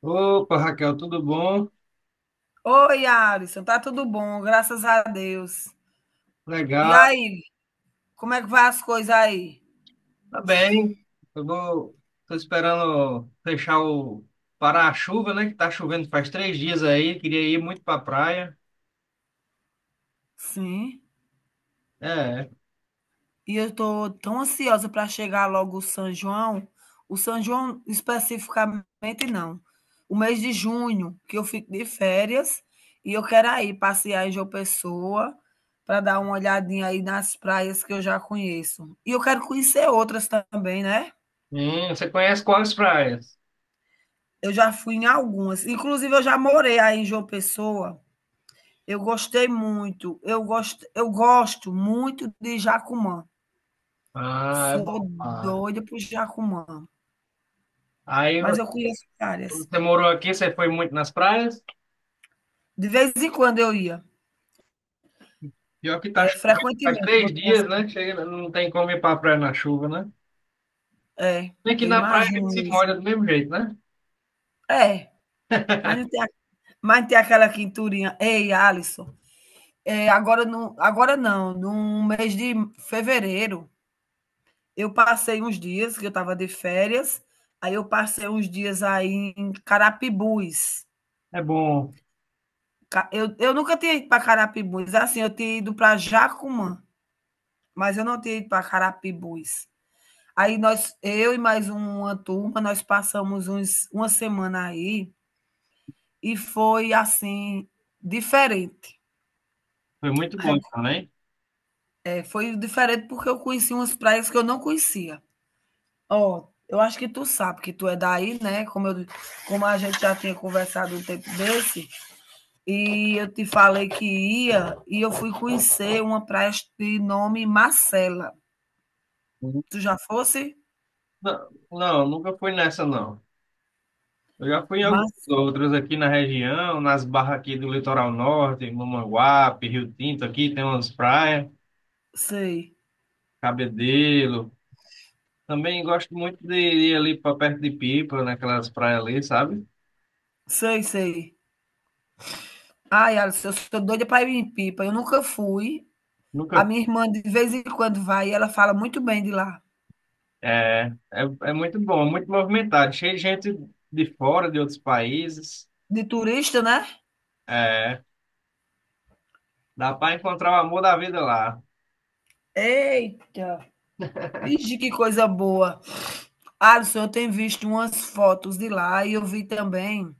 Opa, Raquel, tudo bom? Oi, Alisson, tá tudo bom, graças a Deus. E Legal, aí, como é que vai as coisas aí? tá bem. Eu vou, tô esperando fechar o parar a chuva, né? Que tá chovendo faz 3 dias aí. Queria ir muito pra praia. Sim. É. E eu tô tão ansiosa para chegar logo o São João. O São João especificamente não. O mês de junho, que eu fico de férias, e eu quero aí passear em João Pessoa para dar uma olhadinha aí nas praias que eu já conheço. E eu quero conhecer outras também, né? Você conhece quais praias? Eu já fui em algumas. Inclusive, eu já morei aí em João Pessoa. Eu gostei muito, eu gosto muito de Jacumã, Ah, é sou bom. Ah, doida por Jacumã, Aí mas você, eu conheço áreas. você morou aqui, você foi muito nas praias? De vez em quando eu ia. Pior que tá É chovendo faz frequentemente, vou três dizer dias, assim, né? Chega, não tem como ir pra praia na chuva, né? é, Bem que eu na praia a imagino gente se molha mesmo. do mesmo jeito, né? É, mas não tem a mas não tem aquela quinturinha, ei, Alisson. É, agora não, no mês de fevereiro, eu passei uns dias que eu estava de férias, aí eu passei uns dias aí em Carapibus. É bom. Eu, nunca tinha ido para Carapibus. Assim, eu tinha ido para Jacumã, mas eu não tinha ido para Carapibus. Aí nós, eu e mais uma turma, nós passamos uns, uma semana aí e foi assim diferente. Foi muito É, bom também. é, foi diferente porque eu conheci umas praias que eu não conhecia. Ó, eu acho que tu sabe que tu é daí, né? Como eu, como a gente já tinha conversado um tempo desse, e eu te falei que ia, e eu fui conhecer uma praia de nome Marcela. Tu já fosse? Não, não, nunca fui nessa, não. Eu já fui em alguns Mas outros aqui na região, nas barras aqui do litoral norte, Mamanguape, Rio Tinto, aqui tem umas praias, sei, Cabedelo. Também gosto muito de ir ali para perto de Pipa, naquelas praias ali, sabe? sei, sei. Ai, Alisson, eu sou doida para ir em Pipa. Eu nunca fui. A Nunca. minha irmã de vez em quando vai e ela fala muito bem de lá. É muito bom, muito movimentado, cheio de gente de fora, de outros países. De turista, né? É, dá para encontrar o amor da vida lá. Eita! Vixe, que coisa boa. Alisson, eu tenho visto umas fotos de lá e eu vi também.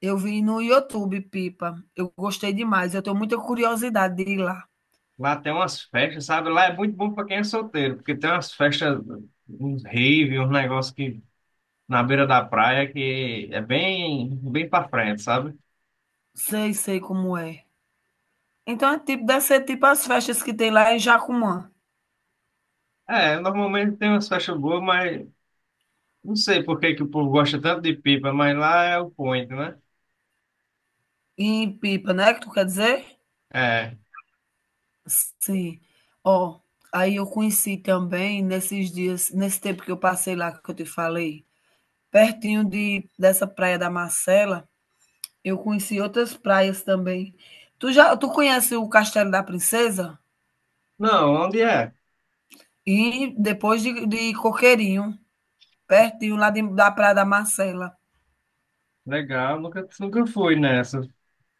Eu vi no YouTube Pipa. Eu gostei demais. Eu tenho muita curiosidade de ir lá. Lá tem umas festas, sabe? Lá é muito bom para quem é solteiro, porque tem umas festas, uns rave, uns negócios que na beira da praia que é bem, bem para frente, sabe? Sei, sei como é. Então é tipo, deve ser tipo as festas que tem lá em Jacumã, É, normalmente tem umas festas boas, mas não sei por que que o povo gosta tanto de pipa, mas lá é o point, né? em Pipa, né, que tu quer dizer? É. Sim. Ó, aí eu conheci também nesses dias, nesse tempo que eu passei lá que eu te falei, pertinho de dessa praia da Marcela, eu conheci outras praias também. Tu conhece o Castelo da Princesa? Não, onde é? E depois de Coqueirinho, pertinho lá de da praia da Marcela. Legal, nunca, nunca fui nessa.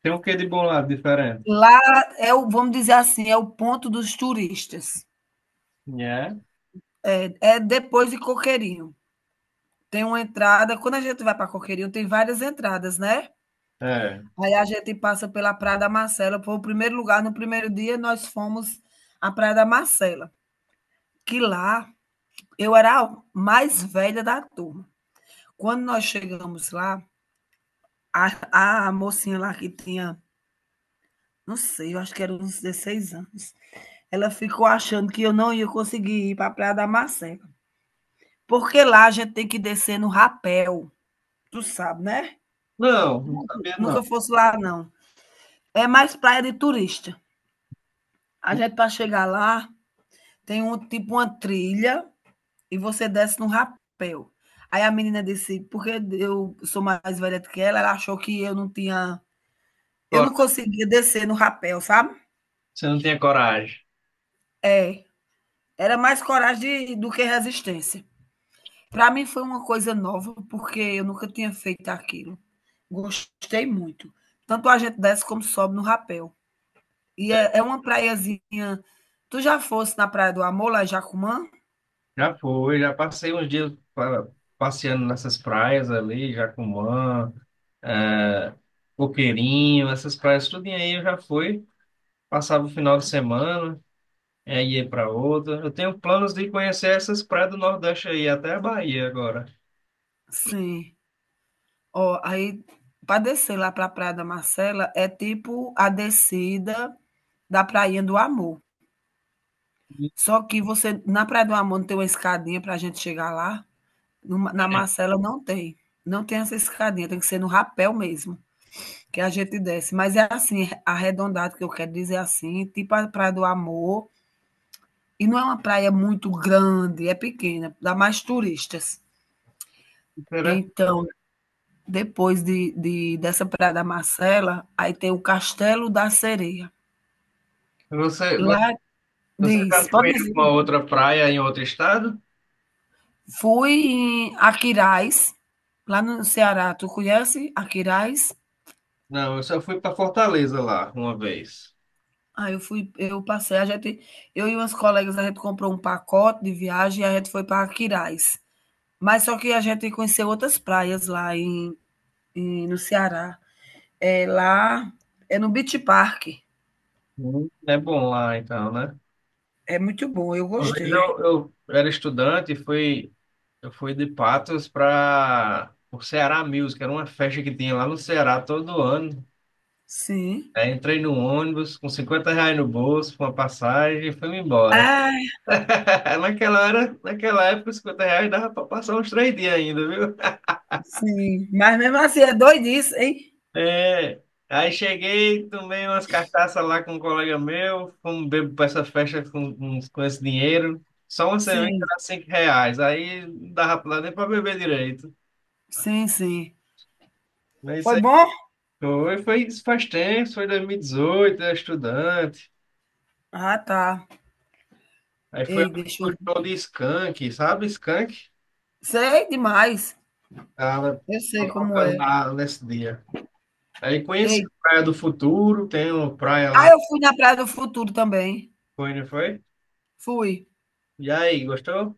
Tem um quê de bom lá diferente? Lá é o, vamos dizer assim, é o ponto dos turistas. É? É, é depois de Coqueirinho. Tem uma entrada, quando a gente vai para Coqueirinho, tem várias entradas, né? É. Aí a gente passa pela Praia da Marcela, foi o primeiro lugar, no primeiro dia nós fomos à Praia da Marcela, que lá eu era a mais velha da turma. Quando nós chegamos lá, a mocinha lá que tinha, não sei, eu acho que era uns 16 anos, ela ficou achando que eu não ia conseguir ir para a Praia da Marcela. Porque lá a gente tem que descer no rapel, tu sabe, né? Não, não sabia Nunca não. fosse lá, não. É mais praia de turista. A gente, para chegar lá, tem um tipo uma trilha e você desce num rapel. Aí a menina disse, porque eu sou mais velha do que ela achou que eu não tinha. Eu não Coragem. conseguia descer no rapel, sabe? Você não tinha coragem. É. Era mais coragem do que resistência. Para mim foi uma coisa nova, porque eu nunca tinha feito aquilo. Gostei muito. Tanto a gente desce como sobe no rapel. E é uma praiazinha. Tu já fosse na Praia do Amor, lá em Jacumã? Já foi, já passei uns dias passeando nessas praias ali, Jacumã, é, Coqueirinho, essas praias, tudo aí eu já fui. Passava o final de semana, é, ia para outra. Eu tenho planos de conhecer essas praias do Nordeste aí, até a Bahia agora. Sim. Ó, aí para descer lá para a Praia da Marcela é tipo a descida da Prainha do Amor. Só que você na Praia do Amor não tem uma escadinha para a gente chegar lá. Na É, Marcela não tem. Não tem essa escadinha, tem que ser no rapel mesmo, que a gente desce. Mas é assim, arredondado, que eu quero dizer assim, tipo a Praia do Amor. E não é uma praia muito grande, é pequena, dá mais turistas. será? Então, depois de dessa Praia da Marcela, aí tem o Castelo da Sereia. Você, vo- Lá você diz, já foi pode em uma dizer. outra praia em outro estado? Fui em Aquiraz, lá no Ceará. Tu conhece Aquiraz? Não, eu só fui para Fortaleza lá uma vez. Aí eu fui, eu passei, a gente eu e umas colegas, a gente comprou um pacote de viagem e a gente foi para Aquiraz. Mas só que a gente conheceu outras praias lá em no Ceará. É lá é no Beach Park. Hum. É bom lá então, né? É muito bom, eu Uma vez gostei. eu era estudante e fui. Eu fui de Patos para o Ceará Music, era uma festa que tinha lá no Ceará todo ano. Sim. Aí entrei no ônibus com R$ 50 no bolso, com uma passagem e fui embora. É. Naquela hora, naquela época, R$ 50 dava para passar uns 3 dias ainda, viu? Sim, mas mesmo assim é doidice, hein? É, aí cheguei, tomei umas cartaças lá com um colega meu, fomos beber para essa festa com esse dinheiro. Só uma cerveja Sim, era R$ 5, aí não dava nem para beber direito. sim, sim. Mas isso Foi bom? foi, isso faz tempo, foi 2018, era estudante. Ah, tá. Aí foi Ei, deixa o eu. show de Skank, sabe? Skank? Sei demais. Tava Eu sei como tocando é. lá nesse dia. Aí conheci Ei. a Praia do Futuro, tem uma praia Ah, lá, eu fui na Praia do Futuro também. foi, não foi? Fui. E aí, gostou?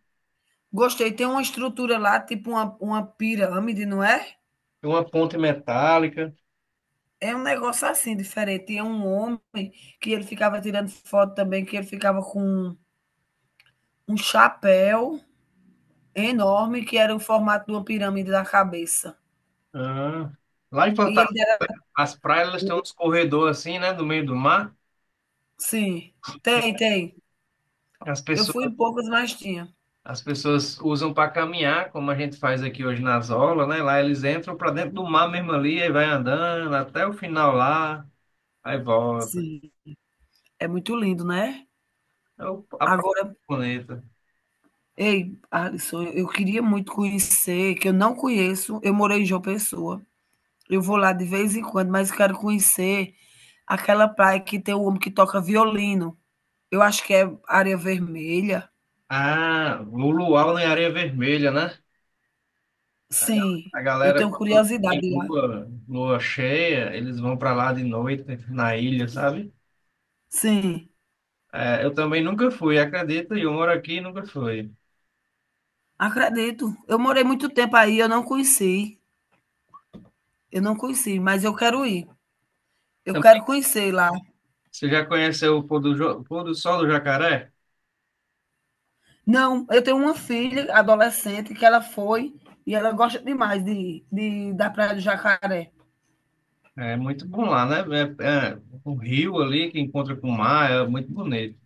Gostei. Tem uma estrutura lá, tipo uma pirâmide, não é? Tem uma ponte metálica. É um negócio assim, diferente. E é um homem que ele ficava tirando foto também, que ele ficava com um chapéu enorme, que era o formato de uma pirâmide da cabeça. Ah. Lá em E Fortaleza, ele era. as praias elas têm uns corredores assim, né, no meio do mar. Sim, tem, tem. As Eu fui pessoas em poucas, mas tinha. As pessoas usam para caminhar, como a gente faz aqui hoje nas aulas, né? Lá eles entram para dentro do mar mesmo ali, aí vai andando até o final lá, aí volta. Sim, é muito lindo, né. A praia Agora, bonita. ei, Alisson, eu queria muito conhecer, que eu não conheço, eu morei em João Pessoa. Eu vou lá de vez em quando, mas quero conhecer aquela praia que tem o homem que toca violino. Eu acho que é Areia Vermelha. Ah, o luau em areia vermelha, né? A ga- Sim, a eu galera, tenho quando curiosidade tem de ir lá. lua, lua cheia, eles vão para lá de noite na ilha, sabe? Sim, É, eu também nunca fui, acredita, eu moro aqui e nunca fui. acredito. Eu morei muito tempo aí, eu não conheci. Eu não conheci, mas eu quero ir. Eu Também, quero conhecer lá. você já conheceu o pôr do sol do jacaré? Não, eu tenho uma filha adolescente que ela foi e ela gosta demais da Praia do Jacaré. É muito bom lá, né? É, é, o rio ali que encontra com o mar é muito bonito.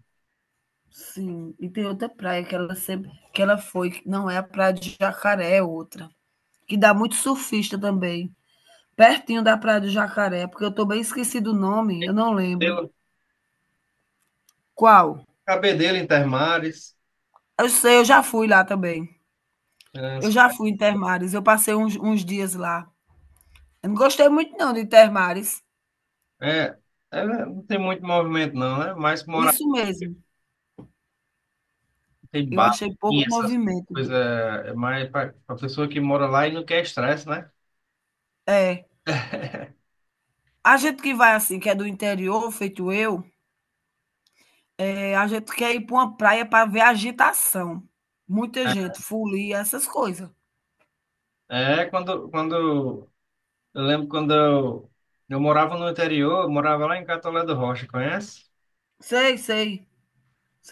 Sim, e tem outra praia que ela sempre que ela foi, que não é a Praia do Jacaré, é outra, que dá muito surfista também, pertinho da Praia do Jacaré, porque eu tô bem esquecido o nome, eu não lembro. Pelo Qual? Cabedelo Intermares. Eu sei, eu já fui lá também. Eu já fui em Termares, eu passei uns dias lá. Eu não gostei muito não de Termares. É, é, não tem muito movimento não, né? Mas mora Isso mesmo. tem Eu bar, achei tem pouco essas movimento. coisas. É mais para a pessoa que mora lá e não quer estresse, né? É, a gente que vai assim, que é do interior, feito eu, é, a gente quer ir para uma praia para ver agitação. Muita gente, folia, essas coisas. É, quando eu lembro quando eu morava no interior, eu morava lá em Catolé do Rocha, conhece? Sei, sei,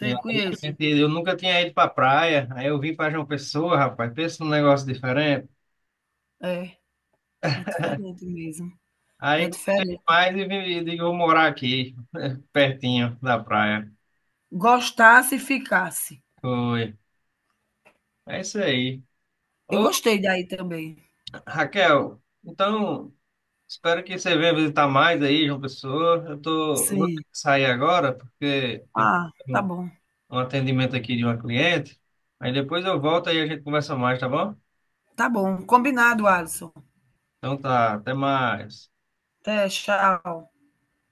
E aí, conheço. Eu nunca tinha ido pra praia, aí eu vim pra João Pessoa, rapaz, pensa num negócio diferente. É, é diferente mesmo. É Aí gostei diferente. demais e digo, vou morar aqui, pertinho da praia. Gostasse e ficasse. Foi. É isso aí. Eu Ô, gostei daí também. Raquel, então, espero que você venha visitar mais aí, João Pessoa. Eu vou ter Sim. que sair agora, porque tem Ah, tá um, bom. um atendimento aqui de uma cliente. Aí depois eu volto e a gente conversa mais, tá bom? Tá bom. Combinado, Alisson. Então tá, até mais. Até, tchau.